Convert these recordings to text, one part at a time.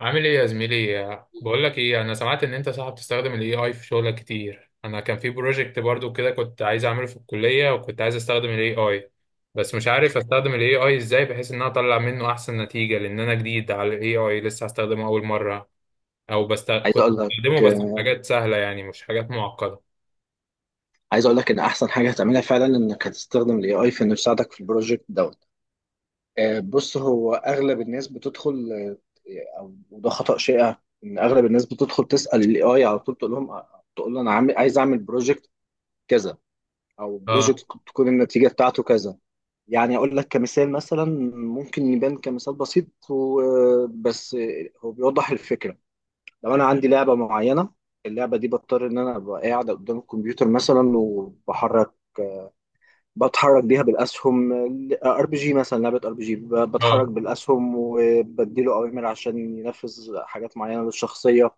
عامل ايه يا زميلي؟ بقول لك ايه، انا سمعت ان انت صاحب تستخدم الاي اي في شغلك كتير. انا كان في بروجكت برضو كده كنت عايز اعمله في الكلية، وكنت عايز استخدم الاي اي، بس مش عارف استخدم الاي اي ازاي بحيث ان انا اطلع منه احسن نتيجة، لان انا جديد على الاي اي لسه هستخدمه اول مرة. عايز كنت اقول لك بستخدمه بس في حاجات سهلة، يعني مش حاجات معقدة. عايز اقول لك ان احسن حاجه هتعملها فعلا انك هتستخدم الاي اي في انه يساعدك في البروجكت دوت. بص، هو اغلب الناس بتدخل، آه، او وده خطا شائع، ان اغلب الناس بتدخل تسال الاي اي على طول تقول له انا عايز اعمل بروجكت كذا اه. بروجكت تكون النتيجه بتاعته كذا. يعني اقول لك كمثال مثلا، ممكن يبان كمثال بسيط بس هو بيوضح الفكره. لو انا عندي لعبه معينه، اللعبه دي بضطر ان انا ابقى قاعد قدام الكمبيوتر مثلا، بتحرك بيها بالاسهم. ار بي جي مثلا، لعبه ار بي جي بتحرك اه. بالاسهم وبديله اوامر عشان ينفذ حاجات معينه للشخصيه.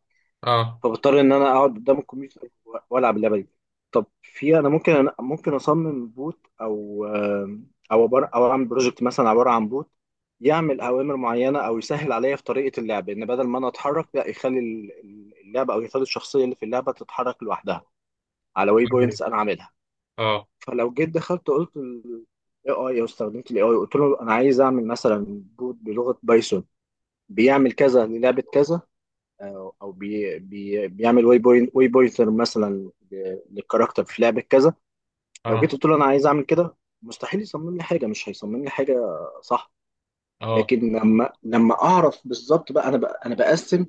اه. فبضطر ان انا اقعد قدام الكمبيوتر والعب اللعبه دي. طب في انا ممكن، أنا ممكن اصمم بوت او او عباره او اعمل بروجكت مثلا عباره عن بوت يعمل اوامر معينه، او يسهل عليا في طريقه اللعب، ان بدل ما انا اتحرك لا يخلي ال- ال- اللعبه او يخلي الشخصيه اللي في اللعبه تتحرك لوحدها على واي أوكي. بوينتس انا عاملها. اه. فلو جيت دخلت قلت الاي اي او استخدمت الاي اي قلت له انا عايز اعمل مثلا بوت بلغه بايثون بيعمل كذا للعبه كذا، او أو بي بي بيعمل واي بوينتر مثلا للكاركتر في لعبه كذا. لو جيت اه. قلت له انا عايز اعمل كده، مستحيل يصمم لي حاجه، مش هيصمم لي حاجه، صح؟ اه. لكن لما اعرف بالظبط بقى انا، بقسم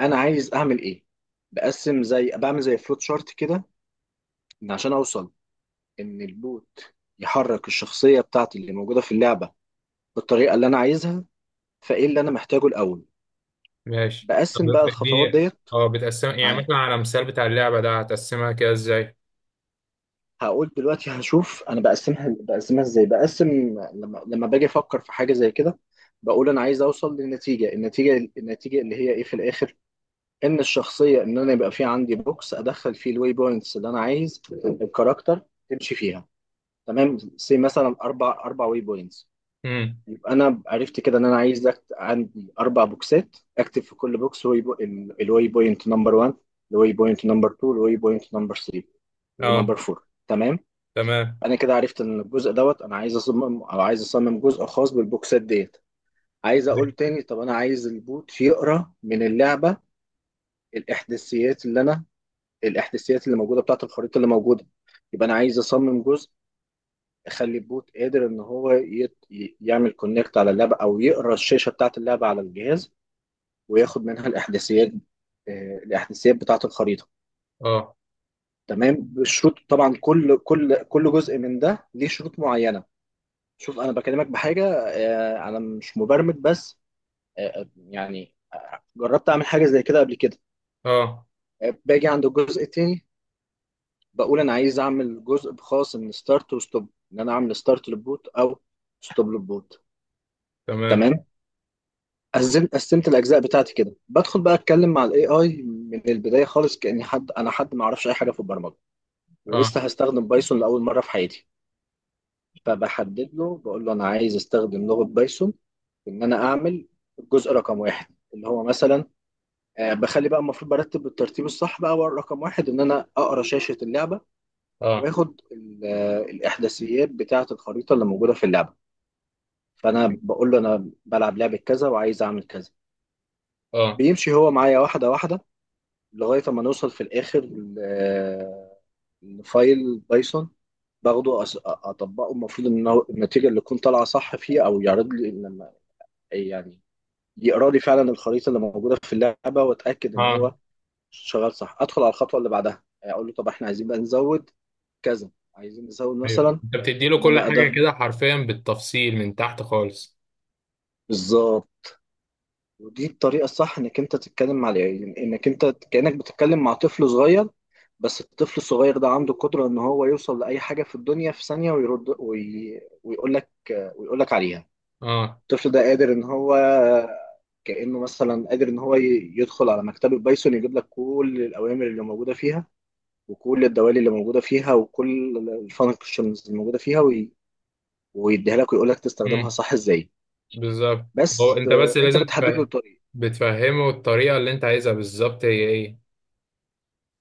انا عايز اعمل ايه. بقسم زي فلوت شارت كده، عشان اوصل ان البوت يحرك الشخصيه بتاعتي اللي موجوده في اللعبه بالطريقه اللي انا عايزها. فايه اللي انا محتاجه الاول؟ ماشي، بقسم بقى طب الخطوات اديني. ديت اه، بتقسم يعني معاه. مثلا؟ على مثال بتاع اللعبة ده هتقسمها كده ازاي؟ هقول دلوقتي، هشوف انا بقسمها ازاي، لما باجي افكر في حاجه زي كده، بقول انا عايز اوصل للنتيجه، النتيجه النتيجه اللي هي ايه في الاخر. ان انا يبقى في عندي بوكس ادخل فيه الواي بوينتس اللي انا عايز الكاركتر تمشي فيها. تمام، سي مثلا اربع واي بوينتس. يبقى انا عرفت كده ان انا عايز عندي اربع بوكسات، اكتب في كل بوكس الواي بوينت نمبر 1، الواي بوينت نمبر 2، الواي بوينت نمبر 3، ونمبر اه. 4. تمام، تمام. انا كده عرفت ان الجزء دوت انا عايز اصمم جزء خاص بالبوكسات ديت. عايز اقول تاني، طب انا عايز البوت يقرا من اللعبه الاحداثيات اللي انا الاحداثيات اللي موجوده بتاعه الخريطه اللي موجوده. يبقى انا عايز اصمم جزء اخلي البوت قادر ان هو يعمل كونكت على اللعبه، او يقرا الشاشه بتاعه اللعبه على الجهاز، وياخد منها الاحداثيات، الاحداثيات بتاعه الخريطه. اه. تمام، بالشروط طبعا، كل جزء من ده ليه شروط معينه. شوف، انا بكلمك بحاجه، انا مش مبرمج، بس يعني جربت اعمل حاجه زي كده قبل كده. اه. باجي عند الجزء التاني، بقول انا عايز اعمل جزء خاص من ستارت وستوب، ان انا اعمل ستارت للبوت او ستوب للبوت. تمام. تمام، قسمت الاجزاء بتاعتي كده، بدخل بقى اتكلم مع الاي اي من البدايه خالص، كاني حد، انا حد ما اعرفش اي حاجه في البرمجه ولسه اه. هستخدم بايثون لاول مره في حياتي. فبحدد له، بقول له انا عايز استخدم لغه بايثون في ان انا اعمل الجزء رقم واحد، اللي هو مثلا، بخلي بقى المفروض برتب بالترتيب الصح، بقى هو رقم واحد ان انا اقرا شاشه اللعبه، اه. واخد الاحداثيات بتاعه الخريطه اللي موجوده في اللعبه. فانا بقول له انا بلعب لعبه كذا وعايز اعمل كذا، اه. بيمشي هو معايا واحده واحده، لغايه ما نوصل في الاخر لفايل بايثون، باخده اطبقه. المفروض ان هو النتيجه اللي تكون طالعه صح فيه، او يعرض لي لما، يعني، يقرا لي فعلا الخريطه اللي موجوده في اللعبه، واتاكد اه. ان آه. هو شغال صح، ادخل على الخطوه اللي بعدها. يعني اقول له طب احنا عايزين بقى نزود كذا، عايزين نزود ايوه، مثلا انت بتدي له ان كل انا حاجه ادخل. كده حرفيا بالتفصيل من تحت خالص. بالظبط، ودي الطريقه الصح انك انت تتكلم مع العيال، انك انت كانك بتتكلم مع طفل صغير، بس الطفل الصغير ده عنده قدره ان هو يوصل لاي حاجه في الدنيا في ثانيه، ويرد ويقول لك عليها. اه. الطفل ده قادر ان هو كانه مثلا قادر ان هو يدخل على مكتبه بايثون، يجيب لك كل الاوامر اللي موجوده فيها، وكل الدوالي اللي موجودة فيها، وكل الفانكشنز اللي موجودة فيها، ويديها لك ويقول لك تستخدمها امم. صح ازاي. بالظبط. هو بس انت بس انت لازم بتحدد له تفهم، الطريق. بتفهمه الطريقه اللي انت عايزها بالظبط هي ايه.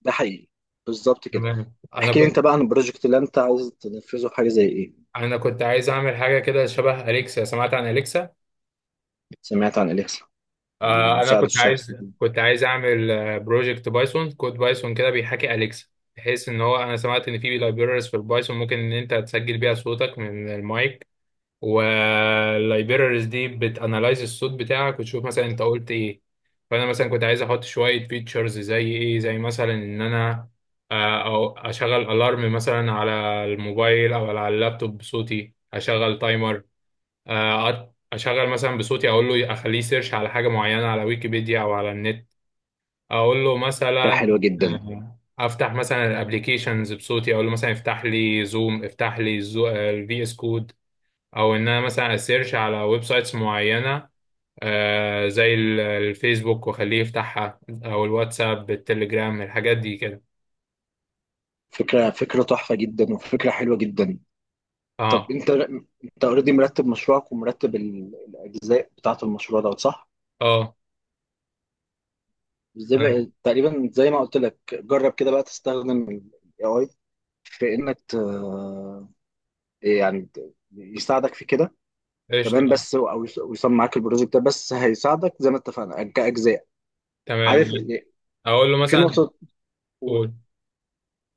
ده حقيقي، بالظبط كده. تمام. انا احكي لي كنت انت بقى عن البروجكت اللي انت عايز تنفذه، في حاجة زي ايه؟ انا كنت عايز اعمل حاجه كده شبه اليكسا. سمعت عن اليكسا. سمعت عن اليكسا؟ آه، انا المساعد كنت عايز الشخصي دي؟ كنت عايز اعمل بروجكت بايثون، كود بايثون كده بيحاكي اليكسا، بحيث ان هو انا سمعت ان في لايبريريز في البايثون ممكن ان انت تسجل بيها صوتك من المايك، واللايبريريز دي بتانلايز الصوت بتاعك وتشوف مثلا انت قلت ايه. فانا مثلا كنت عايز احط شويه فيتشرز زي ايه، زي مثلا ان انا او اشغل الارم مثلا على الموبايل او على اللابتوب بصوتي، اشغل تايمر، اشغل مثلا بصوتي اقول له اخليه سيرش على حاجه معينه على ويكيبيديا او على النت. اقول له فكرة مثلا حلوة جدا. افتح مثلا الابليكيشنز بصوتي، اقول له مثلا افتح لي زوم، افتح لي الفي اس كود، او ان انا مثلا اسيرش على ويب سايتس معينه، زي الفيسبوك واخليه يفتحها، او الواتساب، التليجرام، الحاجات دي كده. فكرة تحفة جدا، وفكرة حلوة جدا. طب اه. انت اوريدي مرتب مشروعك ومرتب الجزء بتاعت المشروع ده، صح؟ اه. ازاي أنا- بقى؟ تقريبا زي ما قلت لك، جرب كده بقى تستخدم ال AI في انك يساعدك في كده. قشطه. تمام، بس ويصمم معاك البروجكت ده، بس هيساعدك زي ما اتفقنا كاجزاء. تمام، عارف يعني، اقول له في مثلا. نقطه. قول. قول.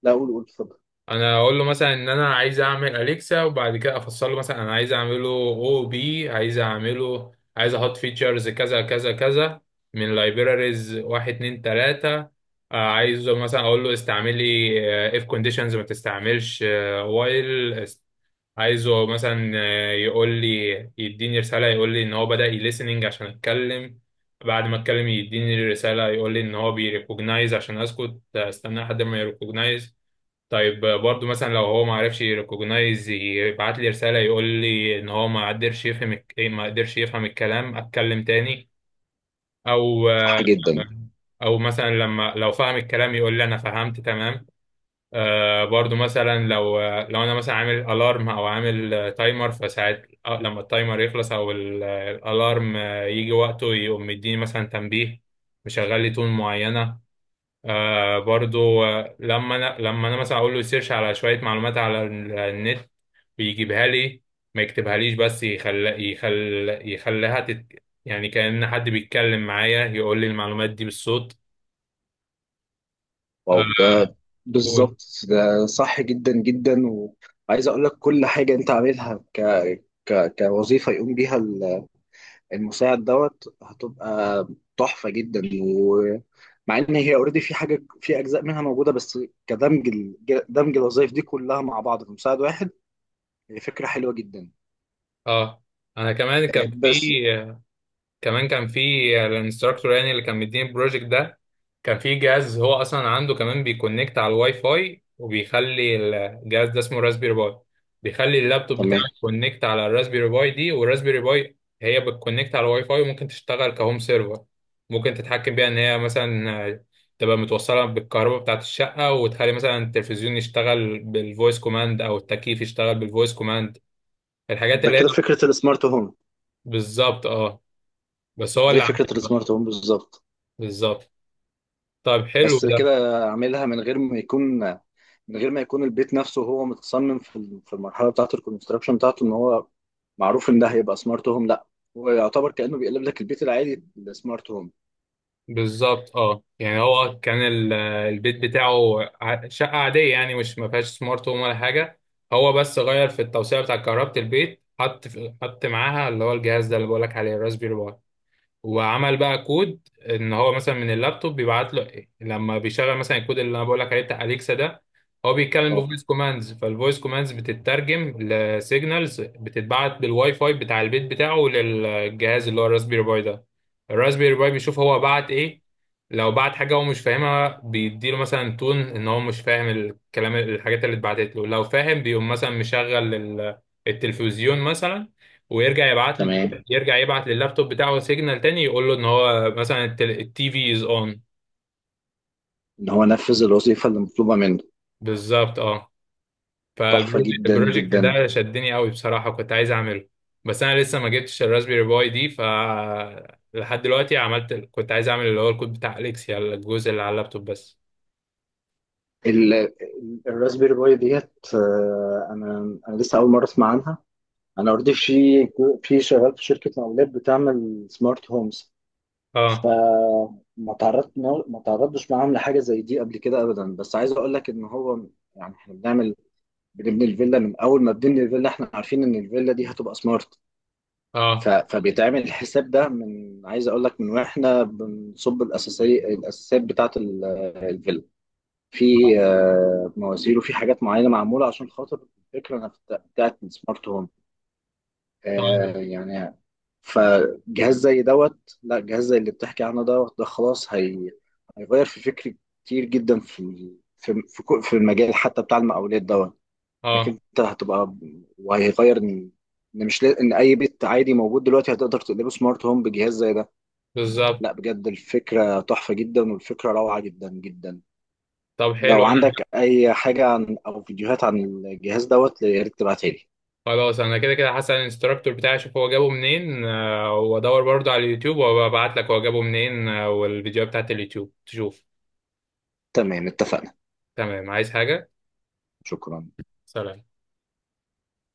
لا، قول قول، اتفضل. انا اقول له مثلا ان انا عايز اعمل اليكسا، وبعد كده افصل له مثلا انا عايز اعمله او بي عايز اعمله، عايز احط فيتشرز كذا كذا كذا من لايبراريز واحد اتنين تلاتة. عايزه مثلا اقول له استعملي اف كونديشنز، ما تستعملش وايل. عايزه مثلا يقول لي، يديني رسالة يقول لي ان هو بدأ يليسننج عشان اتكلم. بعد ما اتكلم يديني رسالة يقول لي ان هو بيريكوجنايز عشان اسكت، استنى لحد ما يريكوجنايز. طيب، برضو مثلا لو هو ما عرفش يريكوجنايز يبعت لي رسالة يقول لي ان هو ما قدرش يفهم الك- إيه، ما قدرش يفهم الكلام، اتكلم تاني. او صح جدا. او مثلا لما لو فهم الكلام يقول لي انا فهمت تمام. آه، برضو مثلا لو انا مثلا عامل الارم او عامل تايمر فساعات، لما التايمر يخلص او الالارم يجي وقته يقوم مديني مثلا تنبيه، مشغل لي تون معينة. آه، برضو لما انا مثلا اقول له سيرش على شويه معلومات على النت، بيجيبها لي، ما يكتبهاليش، بس يخليها يعني كأن حد بيتكلم معايا يقول لي المعلومات دي بالصوت. آه. واو، ده قول. بالظبط، ده صح جدا جدا. وعايز اقول لك كل حاجه انت عاملها كوظيفه يقوم بيها المساعد دوت هتبقى تحفة جدا. ومع ان هي اوريدي في حاجة، في اجزاء منها موجودة، بس كدمج ال- دمج الوظائف دي كلها مع بعض في مساعد واحد هي فكرة حلوة جدا. اه، انا كمان كان بس، في، كمان كان في الانستراكتور يعني اللي كان مديني البروجكت ده كان في جهاز هو اصلا عنده كمان بيكونكت على الواي فاي وبيخلي الجهاز، ده اسمه راسبيري باي، بيخلي اللابتوب بتاعك تمام. كونكت على الراسبيري باي دي، والراسبيري باي هي بتكونكت على الواي فاي، وممكن تشتغل كهوم سيرفر. ممكن تتحكم بيها ان هي مثلا تبقى متوصله بالكهرباء بتاعت الشقه، وتخلي مثلا التلفزيون يشتغل بالفويس كوماند، او التكييف يشتغل بالفويس كوماند، الحاجات ده اللي هي. كده فكرة السمارت هوم، بالظبط اه، بس هو زي اللي فكرة عملها. السمارت هوم بالظبط. بالظبط. طيب، حلو بس ده. كده اعملها من غير ما يكون البيت نفسه هو متصمم في في المرحلة بتاعة الكونستراكشن بتاعته، ان هو معروف ان ده هيبقى سمارت هوم. لا، هو يعتبر كأنه بيقلب لك البيت العادي السمارت هوم. بالظبط اه، يعني هو كان البيت بتاعه شقة عادية يعني مش ما فيهاش سمارت هوم ولا حاجة. هو بس غير في التوسيع بتاع كهربة البيت، حط حط معاها اللي هو الجهاز ده اللي بقولك عليه الراسبيري. وعمل بقى كود ان هو مثلا من اللابتوب بيبعت له إيه؟ لما بيشغل مثلا الكود اللي انا بقول لك عليه بتاع اليكسا ده، هو بيتكلم اه، بفويس كوماندز، فالفويس كوماندز بتترجم لسيجنالز بتتبعت بالواي فاي بتاع البيت بتاعه للجهاز اللي هو الراسبيري باي ده. الراسبيري باي بيشوف هو بعت ايه. لو بعت حاجه هو مش فاهمها بيديله مثلا تون ان هو مش فاهم الكلام، الحاجات اللي اتبعتت له. لو فاهم بيقوم مثلا مشغل التلفزيون مثلا، ويرجع يبعت له، تمام، يرجع يبعت لللابتوب بتاعه سيجنال تاني يقول له ان هو مثلا التي في از اون. ان هو نفذ الوظيفه اللي مطلوبه منه. بالظبط اه. تحفه فالبروجكت جدا البروجكت جدا. ده شدني قوي بصراحة، كنت عايز اعمله، بس انا لسه ما جبتش الراسبيري باي دي، ف لحد دلوقتي عملت، كنت عايز اعمل اللي هو الكود بتاع اليكسيا، الجزء اللي على اللابتوب بس. الراسبيري باي ديت، انا لسه اول مره اسمع عنها. انا اوريدي في شغال في شركه مقاولات بتعمل سمارت هومز، اه. فما تعرضت ما تعرضتش معاهم لحاجه زي دي قبل كده ابدا. بس عايز اقول لك ان هو يعني احنا بنبني الفيلا، من اول ما بنبني الفيلا احنا عارفين ان الفيلا دي هتبقى سمارت. اه. فبيتعمل الحساب ده من، عايز اقول لك، من واحنا بنصب الاساسيات بتاعه الفيلا، في مواسير، وفي حاجات معينه معموله عشان خاطر الفكره نفسها بتاعه السمارت هوم، طيب. يعني. فجهاز زي دوت لا، جهاز زي اللي بتحكي عنه دوت، ده خلاص هيغير في فكري كتير جدا، في المجال حتى بتاع المقاولات دوت، انك اه. انت هتبقى، وهيغير ان، إن مش لا- ان اي بيت عادي موجود دلوقتي هتقدر تقلبه سمارت هوم بجهاز زي ده. بالظبط. لا، بجد الفكره تحفه جدا، والفكره روعه جدا جدا. طب لو حلو، انا عندك اي حاجه عن، او فيديوهات عن الجهاز دوت، يا ريت تبعتها لي. خلاص انا كده كده هسأل الانستراكتور بتاعي اشوف هو جابه منين، وادور برضه على اليوتيوب وابعت لك هو جابه منين، والفيديوهات بتاعت اليوتيوب تشوف. تمام، اتفقنا. تمام. عايز حاجة؟ شكرا. سلام.